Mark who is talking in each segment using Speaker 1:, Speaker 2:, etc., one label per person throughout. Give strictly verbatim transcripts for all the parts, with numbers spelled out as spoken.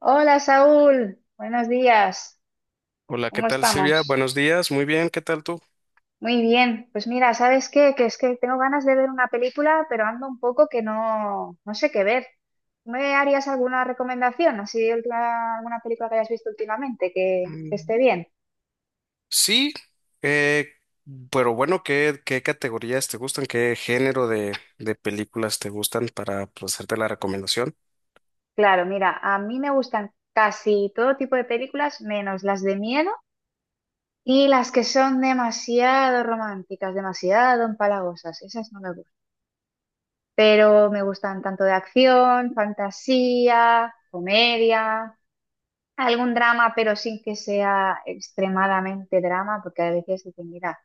Speaker 1: Hola Saúl, buenos días,
Speaker 2: Hola, ¿qué
Speaker 1: ¿cómo
Speaker 2: tal, Silvia?
Speaker 1: estamos?
Speaker 2: Buenos días, muy bien, ¿qué tal tú?
Speaker 1: Muy bien, pues mira, ¿sabes qué? Que es que tengo ganas de ver una película, pero ando un poco que no, no sé qué ver. ¿Me harías alguna recomendación? ¿Así de última- ¿alguna película que hayas visto últimamente que, que esté
Speaker 2: Mm,
Speaker 1: bien?
Speaker 2: Sí, eh, pero bueno, ¿qué, qué categorías te gustan? ¿Qué género de, de películas te gustan para pues hacerte la recomendación?
Speaker 1: Claro, mira, a mí me gustan casi todo tipo de películas, menos las de miedo y las que son demasiado románticas, demasiado empalagosas. Esas no me gustan. Pero me gustan tanto de acción, fantasía, comedia, algún drama, pero sin que sea extremadamente drama, porque a veces dicen, mira,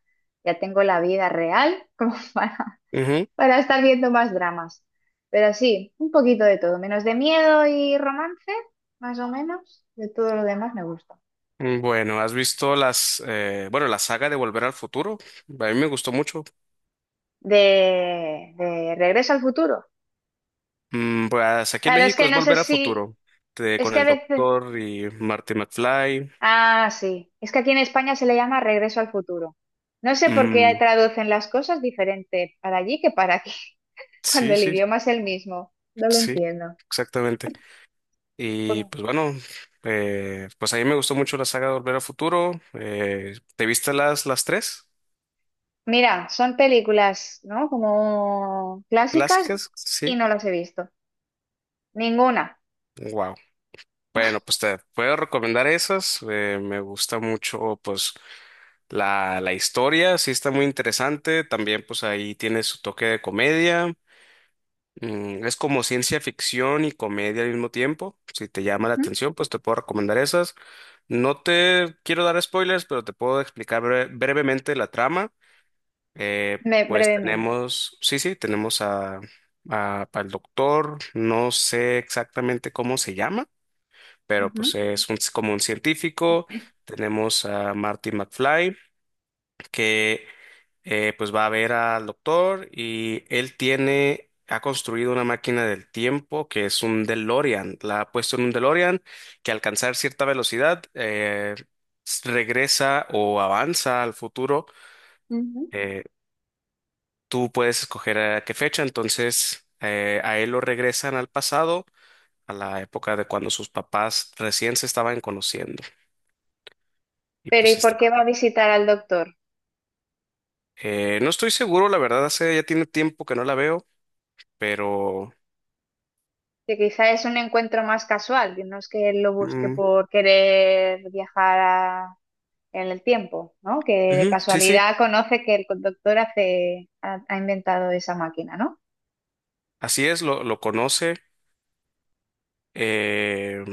Speaker 1: ya tengo la vida real como para,
Speaker 2: Ujú.
Speaker 1: para estar viendo más dramas. Pero sí, un poquito de todo, menos de miedo y romance, más o menos, de todo lo demás me gusta.
Speaker 2: Mm, Bueno, ¿has visto las, eh, bueno, la saga de Volver al Futuro? A mí me gustó mucho.
Speaker 1: De, de Regreso al futuro.
Speaker 2: Mm, pues aquí en
Speaker 1: Claro, es
Speaker 2: México
Speaker 1: que
Speaker 2: es
Speaker 1: no sé
Speaker 2: Volver al
Speaker 1: si,
Speaker 2: Futuro, de-
Speaker 1: es
Speaker 2: con
Speaker 1: que a
Speaker 2: el
Speaker 1: veces…
Speaker 2: doctor y Marty McFly.
Speaker 1: Ah, sí. Es que aquí en España se le llama Regreso al futuro. No sé por qué
Speaker 2: Mm,
Speaker 1: traducen las cosas diferente para allí que para aquí, cuando
Speaker 2: sí,
Speaker 1: el
Speaker 2: sí.
Speaker 1: idioma es el mismo. No lo
Speaker 2: Sí,
Speaker 1: entiendo.
Speaker 2: exactamente.
Speaker 1: Pues,
Speaker 2: Y pues bueno, eh, pues a mí me gustó mucho la saga de Volver al Futuro. Eh, ¿te viste las, las tres
Speaker 1: mira, son películas, ¿no? Como clásicas,
Speaker 2: clásicas?
Speaker 1: y
Speaker 2: Sí.
Speaker 1: no las he visto. Ninguna.
Speaker 2: Wow. Bueno, pues te puedo recomendar esas. Eh, me gusta mucho, pues, la, la historia, sí está muy interesante. También, pues, ahí tiene su toque de comedia. Mm, es como ciencia ficción y comedia al mismo tiempo. Si te llama la
Speaker 1: Ujú,
Speaker 2: atención, pues te puedo recomendar esas. No te quiero dar spoilers, pero te puedo explicar bre- brevemente la trama. Eh,
Speaker 1: me-
Speaker 2: pues
Speaker 1: brevemente.
Speaker 2: tenemos, sí, sí, tenemos a, a- al doctor, no sé exactamente cómo se llama, pero pues
Speaker 1: Ujú,
Speaker 2: es un- como un científico. Tenemos a Marty McFly, que eh, pues va a ver al doctor y él tiene, ha construido una máquina del tiempo que es un DeLorean. La ha puesto en un DeLorean que al alcanzar cierta velocidad eh, s- regresa o avanza al futuro.
Speaker 1: ujú.
Speaker 2: Eh, Tú puedes escoger a qué fecha, entonces eh, a él lo regresan al pasado, a la época de cuando sus papás recién se estaban conociendo. Y
Speaker 1: Pero
Speaker 2: pues
Speaker 1: ¿y
Speaker 2: está.
Speaker 1: por qué va a visitar al doctor?
Speaker 2: Eh, no estoy seguro, la verdad, hace ya tiene tiempo que no la veo, pero...
Speaker 1: Que quizá es un encuentro más casual, que no es que él lo busque
Speaker 2: mm,
Speaker 1: por querer viajar a en el tiempo, ¿no? Que de
Speaker 2: ujú, sí, sí.
Speaker 1: casualidad conoce que el conductor hace, ha, ha inventado esa máquina, ¿no?
Speaker 2: Así es, lo, lo conoce, eh,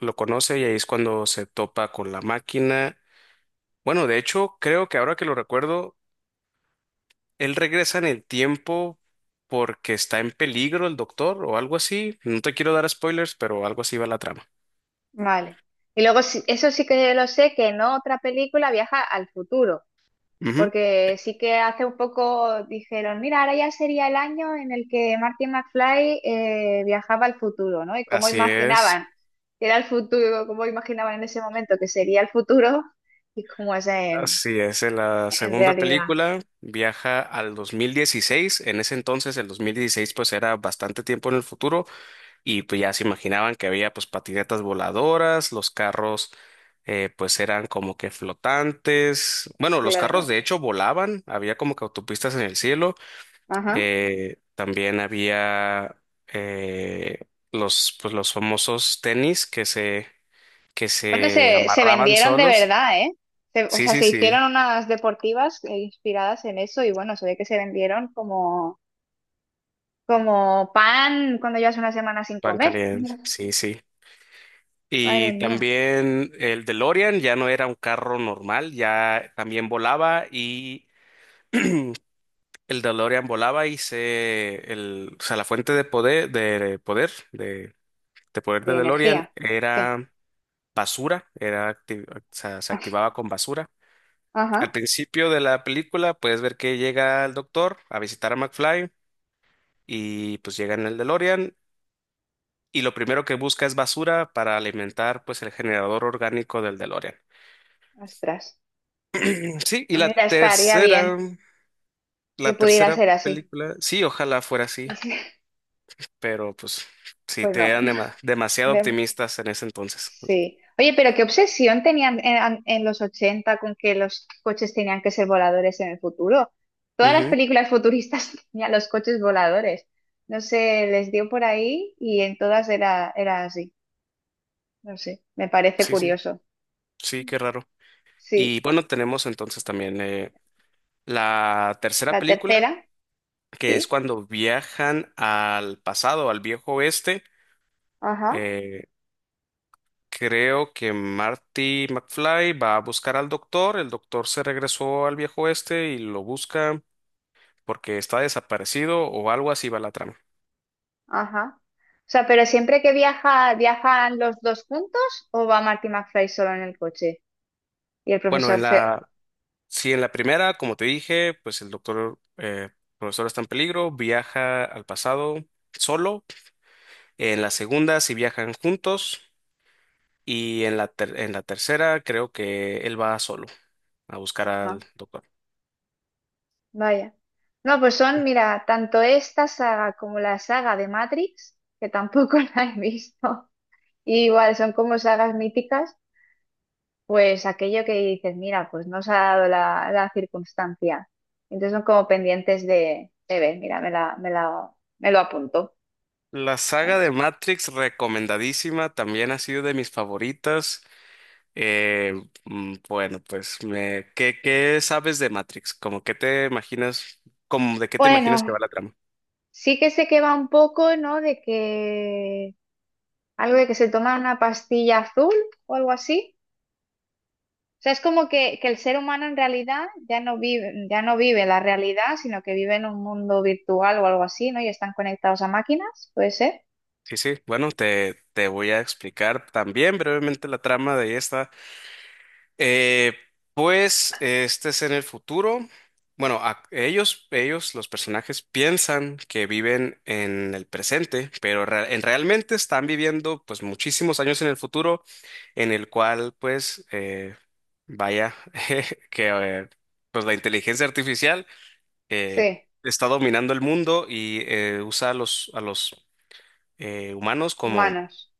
Speaker 2: lo conoce y ahí es cuando se topa con la máquina. Bueno, de hecho, creo que ahora que lo recuerdo, él regresa en el tiempo porque está en peligro el doctor o algo así. No te quiero dar spoilers, pero algo así va la trama.
Speaker 1: Vale. Y luego, sí- eso sí que lo sé, que en otra película viaja al futuro,
Speaker 2: Ujú,
Speaker 1: porque sí que hace un poco dijeron, mira, ahora ya sería el año en el que Martin McFly eh, viajaba al futuro, ¿no? Y cómo
Speaker 2: así es,
Speaker 1: imaginaban que era el futuro, cómo imaginaban en ese momento que sería el futuro y cómo es en,
Speaker 2: así es. En la
Speaker 1: en
Speaker 2: segunda
Speaker 1: realidad.
Speaker 2: película viaja al dos mil dieciséis. En ese entonces, el dos mil dieciséis pues era bastante tiempo en el futuro. Y pues ya se imaginaban que había pues patinetas voladoras, los carros eh, pues eran como que flotantes. Bueno, los carros
Speaker 1: Claro.
Speaker 2: de hecho volaban, había como que autopistas en el cielo.
Speaker 1: Ajá.
Speaker 2: Eh, también había eh, los pues los famosos tenis que se que
Speaker 1: Bueno,
Speaker 2: se
Speaker 1: se, se
Speaker 2: amarraban
Speaker 1: vendieron de
Speaker 2: solos.
Speaker 1: verdad, ¿eh? Se- o
Speaker 2: Sí,
Speaker 1: sea,
Speaker 2: sí,
Speaker 1: se hicieron
Speaker 2: sí,
Speaker 1: unas deportivas eh, inspiradas en eso y bueno, se ve que se vendieron como, como pan cuando llevas una semana sin
Speaker 2: pan
Speaker 1: comer.
Speaker 2: caliente. Sí, sí.
Speaker 1: Madre
Speaker 2: Y
Speaker 1: mía,
Speaker 2: también el DeLorean ya no era un carro normal, ya también volaba y el DeLorean volaba y se, el, o sea, la fuente de poder, de poder, de, de poder
Speaker 1: de
Speaker 2: de DeLorean
Speaker 1: energía. Sí.
Speaker 2: era basura, era acti- o sea, se activaba con basura. Al
Speaker 1: Ajá.
Speaker 2: principio de la película puedes ver que llega el doctor a visitar a McFly y pues llega en el DeLorean y lo primero que busca es basura para alimentar pues el generador orgánico del DeLorean.
Speaker 1: Ostras.
Speaker 2: Sí, y
Speaker 1: Ah,
Speaker 2: la
Speaker 1: mira, estaría
Speaker 2: tercera,
Speaker 1: bien que
Speaker 2: la
Speaker 1: pudiera
Speaker 2: tercera
Speaker 1: ser así.
Speaker 2: película, sí, ojalá fuera así. Pero pues sí,
Speaker 1: Pues
Speaker 2: te eran dema- demasiado
Speaker 1: no.
Speaker 2: optimistas en ese entonces.
Speaker 1: Sí. Oye, pero qué obsesión tenían en, an- en los ochenta con que los coches tenían que ser voladores en el futuro. Todas las
Speaker 2: Ujú,
Speaker 1: películas futuristas tenían los coches voladores. No sé, les dio por ahí y en todas era, era así. No sé, me parece
Speaker 2: sí, sí,
Speaker 1: curioso.
Speaker 2: sí, qué raro. Y
Speaker 1: Sí.
Speaker 2: bueno, tenemos entonces también eh, la tercera
Speaker 1: La
Speaker 2: película,
Speaker 1: tercera,
Speaker 2: que es
Speaker 1: sí.
Speaker 2: cuando viajan al pasado, al viejo oeste.
Speaker 1: Ajá,
Speaker 2: Eh, Creo que Marty McFly va a buscar al doctor, el doctor se regresó al viejo oeste y lo busca porque está desaparecido o algo así va la trama.
Speaker 1: ajá. O sea, pero siempre que viaja, ¿viajan los dos juntos o va Marty McFly solo en el coche? Y el
Speaker 2: Bueno,
Speaker 1: profesor
Speaker 2: en
Speaker 1: se…
Speaker 2: la... Sí, en la primera, como te dije, pues el doctor eh, profesor está en peligro, viaja al pasado solo. En la segunda, sí viajan juntos. Y en la, ter- en la tercera, creo que él va solo a buscar al
Speaker 1: Ajá.
Speaker 2: doctor.
Speaker 1: Vaya. No, pues son, mira, tanto esta saga como la saga de Matrix, que tampoco la he visto, y igual son como sagas míticas, pues aquello que dices, mira, pues no se ha dado la, la circunstancia. Entonces son como pendientes de, de ver, mira, me la, me la, me lo apunto.
Speaker 2: La saga de Matrix, recomendadísima, también ha sido de mis favoritas. Eh, mm, bueno, pues, me, ¿qué, qué sabes de Matrix? ¿Cómo que te imaginas, como de qué te imaginas que
Speaker 1: Bueno,
Speaker 2: va la trama?
Speaker 1: sí que sé que va un poco, ¿no? De que algo de que se toma una pastilla azul o algo así. O sea, es como que, que el ser humano en realidad ya no vive, ya no vive la realidad, sino que vive en un mundo virtual o algo así, ¿no? Y están conectados a máquinas, ¿puede ser?
Speaker 2: Sí, sí, bueno, te, te voy a explicar también brevemente la trama de esta. Eh, pues este es en el futuro. Bueno, a- ellos, ellos, los personajes, piensan que viven en el presente, pero rea- en- realmente están viviendo pues muchísimos años en el futuro, en el cual pues eh, vaya que eh, pues la inteligencia artificial eh,
Speaker 1: Sí,
Speaker 2: está dominando el mundo y eh, usa a los, a los eh, humanos como
Speaker 1: humanos.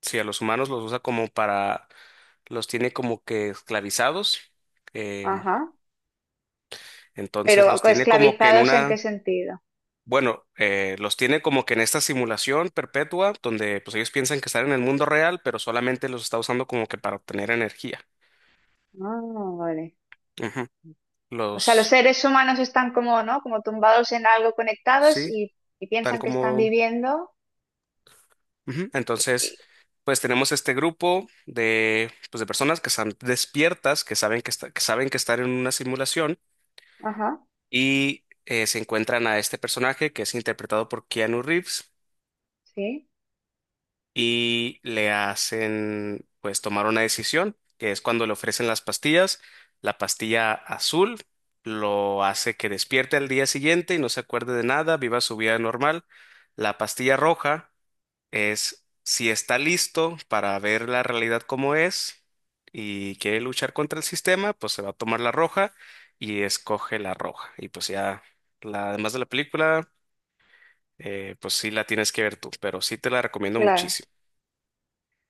Speaker 2: sí, a los humanos los usa como para, los tiene como que esclavizados, eh,
Speaker 1: Ajá.
Speaker 2: entonces
Speaker 1: Pero
Speaker 2: los tiene como que en
Speaker 1: esclavizados ¿en qué
Speaker 2: una,
Speaker 1: sentido?
Speaker 2: bueno, eh, los tiene como que en esta simulación perpetua donde pues ellos piensan que están en el mundo real, pero solamente los está usando como que para obtener energía.
Speaker 1: Ah, vale.
Speaker 2: Ujú.
Speaker 1: O sea, los
Speaker 2: Los,
Speaker 1: seres humanos están como, ¿no? Como tumbados en algo conectados
Speaker 2: sí,
Speaker 1: y, y
Speaker 2: tan
Speaker 1: piensan que están
Speaker 2: como,
Speaker 1: viviendo.
Speaker 2: ujú.
Speaker 1: Y…
Speaker 2: Entonces, pues tenemos este grupo de, pues, de personas que están despiertas, que saben que, está- que saben que están en una simulación
Speaker 1: Ajá,
Speaker 2: y eh, se encuentran a este personaje que es interpretado por Keanu Reeves
Speaker 1: sí,
Speaker 2: y le hacen pues tomar una decisión, que es cuando le ofrecen las pastillas. La pastilla azul lo hace que despierte al día siguiente y no se acuerde de nada, viva su vida normal. La pastilla roja es si está listo para ver la realidad como es y quiere luchar contra el sistema, pues se va a tomar la roja y escoge la roja. Y pues ya, la, además de la película, eh, pues sí la tienes que ver tú, pero sí te la recomiendo
Speaker 1: claro.
Speaker 2: muchísimo.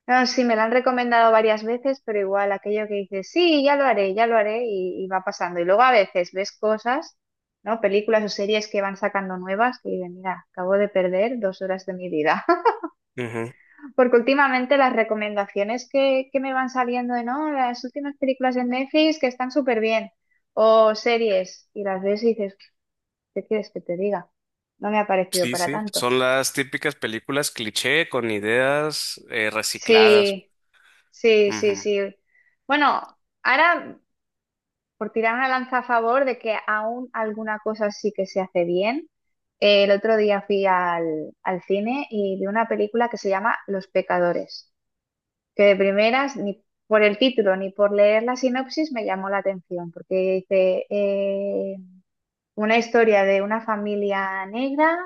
Speaker 1: No, sí, me la han recomendado varias veces, pero igual aquello que dices, sí, ya lo haré, ya lo haré, y, y va pasando. Y luego a veces ves cosas, ¿no? Películas o series que van sacando nuevas que dices, mira, acabo de perder dos horas de mi vida.
Speaker 2: Ujú.
Speaker 1: Porque últimamente las recomendaciones que, que me van saliendo de, no, las últimas películas de Netflix que están súper bien, o series, y las ves y dices, ¿qué quieres que te diga? No me ha parecido
Speaker 2: Sí,
Speaker 1: para
Speaker 2: sí,
Speaker 1: tanto.
Speaker 2: son las típicas películas cliché con ideas eh, recicladas.
Speaker 1: Sí, sí, sí,
Speaker 2: Ujú.
Speaker 1: sí. Bueno, ahora, por tirar una lanza a favor de que aún alguna cosa sí que se hace bien. Eh, el otro día fui al, al cine y vi una película que se llama Los Pecadores, que de primeras, ni por el título ni por leer la sinopsis, me llamó la atención, porque dice eh, una historia de una familia negra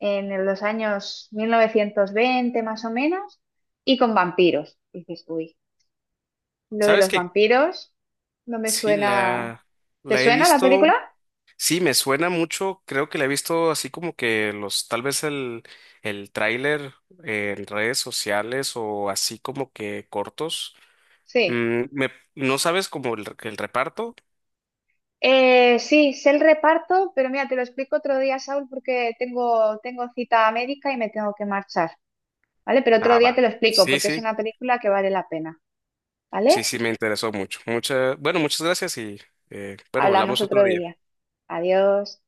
Speaker 1: en los años mil novecientos veinte más o menos, y con vampiros. Y dices, uy, lo de
Speaker 2: ¿Sabes
Speaker 1: los
Speaker 2: qué?
Speaker 1: vampiros no me
Speaker 2: Sí,
Speaker 1: suena.
Speaker 2: la,
Speaker 1: ¿Te
Speaker 2: la he
Speaker 1: suena la película?
Speaker 2: visto, sí, me suena mucho, creo que la he visto así como que los, tal vez el, el tráiler en redes sociales o así como que cortos.
Speaker 1: Sí,
Speaker 2: Mm, me, ¿no sabes como el, el reparto?
Speaker 1: Eh, sí, sé el reparto, pero mira, te lo explico otro día, Saúl, porque tengo, tengo cita médica y me tengo que marchar, ¿vale? Pero otro
Speaker 2: Ah,
Speaker 1: día te
Speaker 2: va.
Speaker 1: lo explico,
Speaker 2: Sí,
Speaker 1: porque es
Speaker 2: sí,
Speaker 1: una película que vale la pena,
Speaker 2: sí,
Speaker 1: ¿vale?
Speaker 2: sí, me interesó mucho. Mucha, bueno, muchas gracias y eh, bueno,
Speaker 1: Hablamos
Speaker 2: hablamos otro
Speaker 1: otro
Speaker 2: día.
Speaker 1: día. Adiós.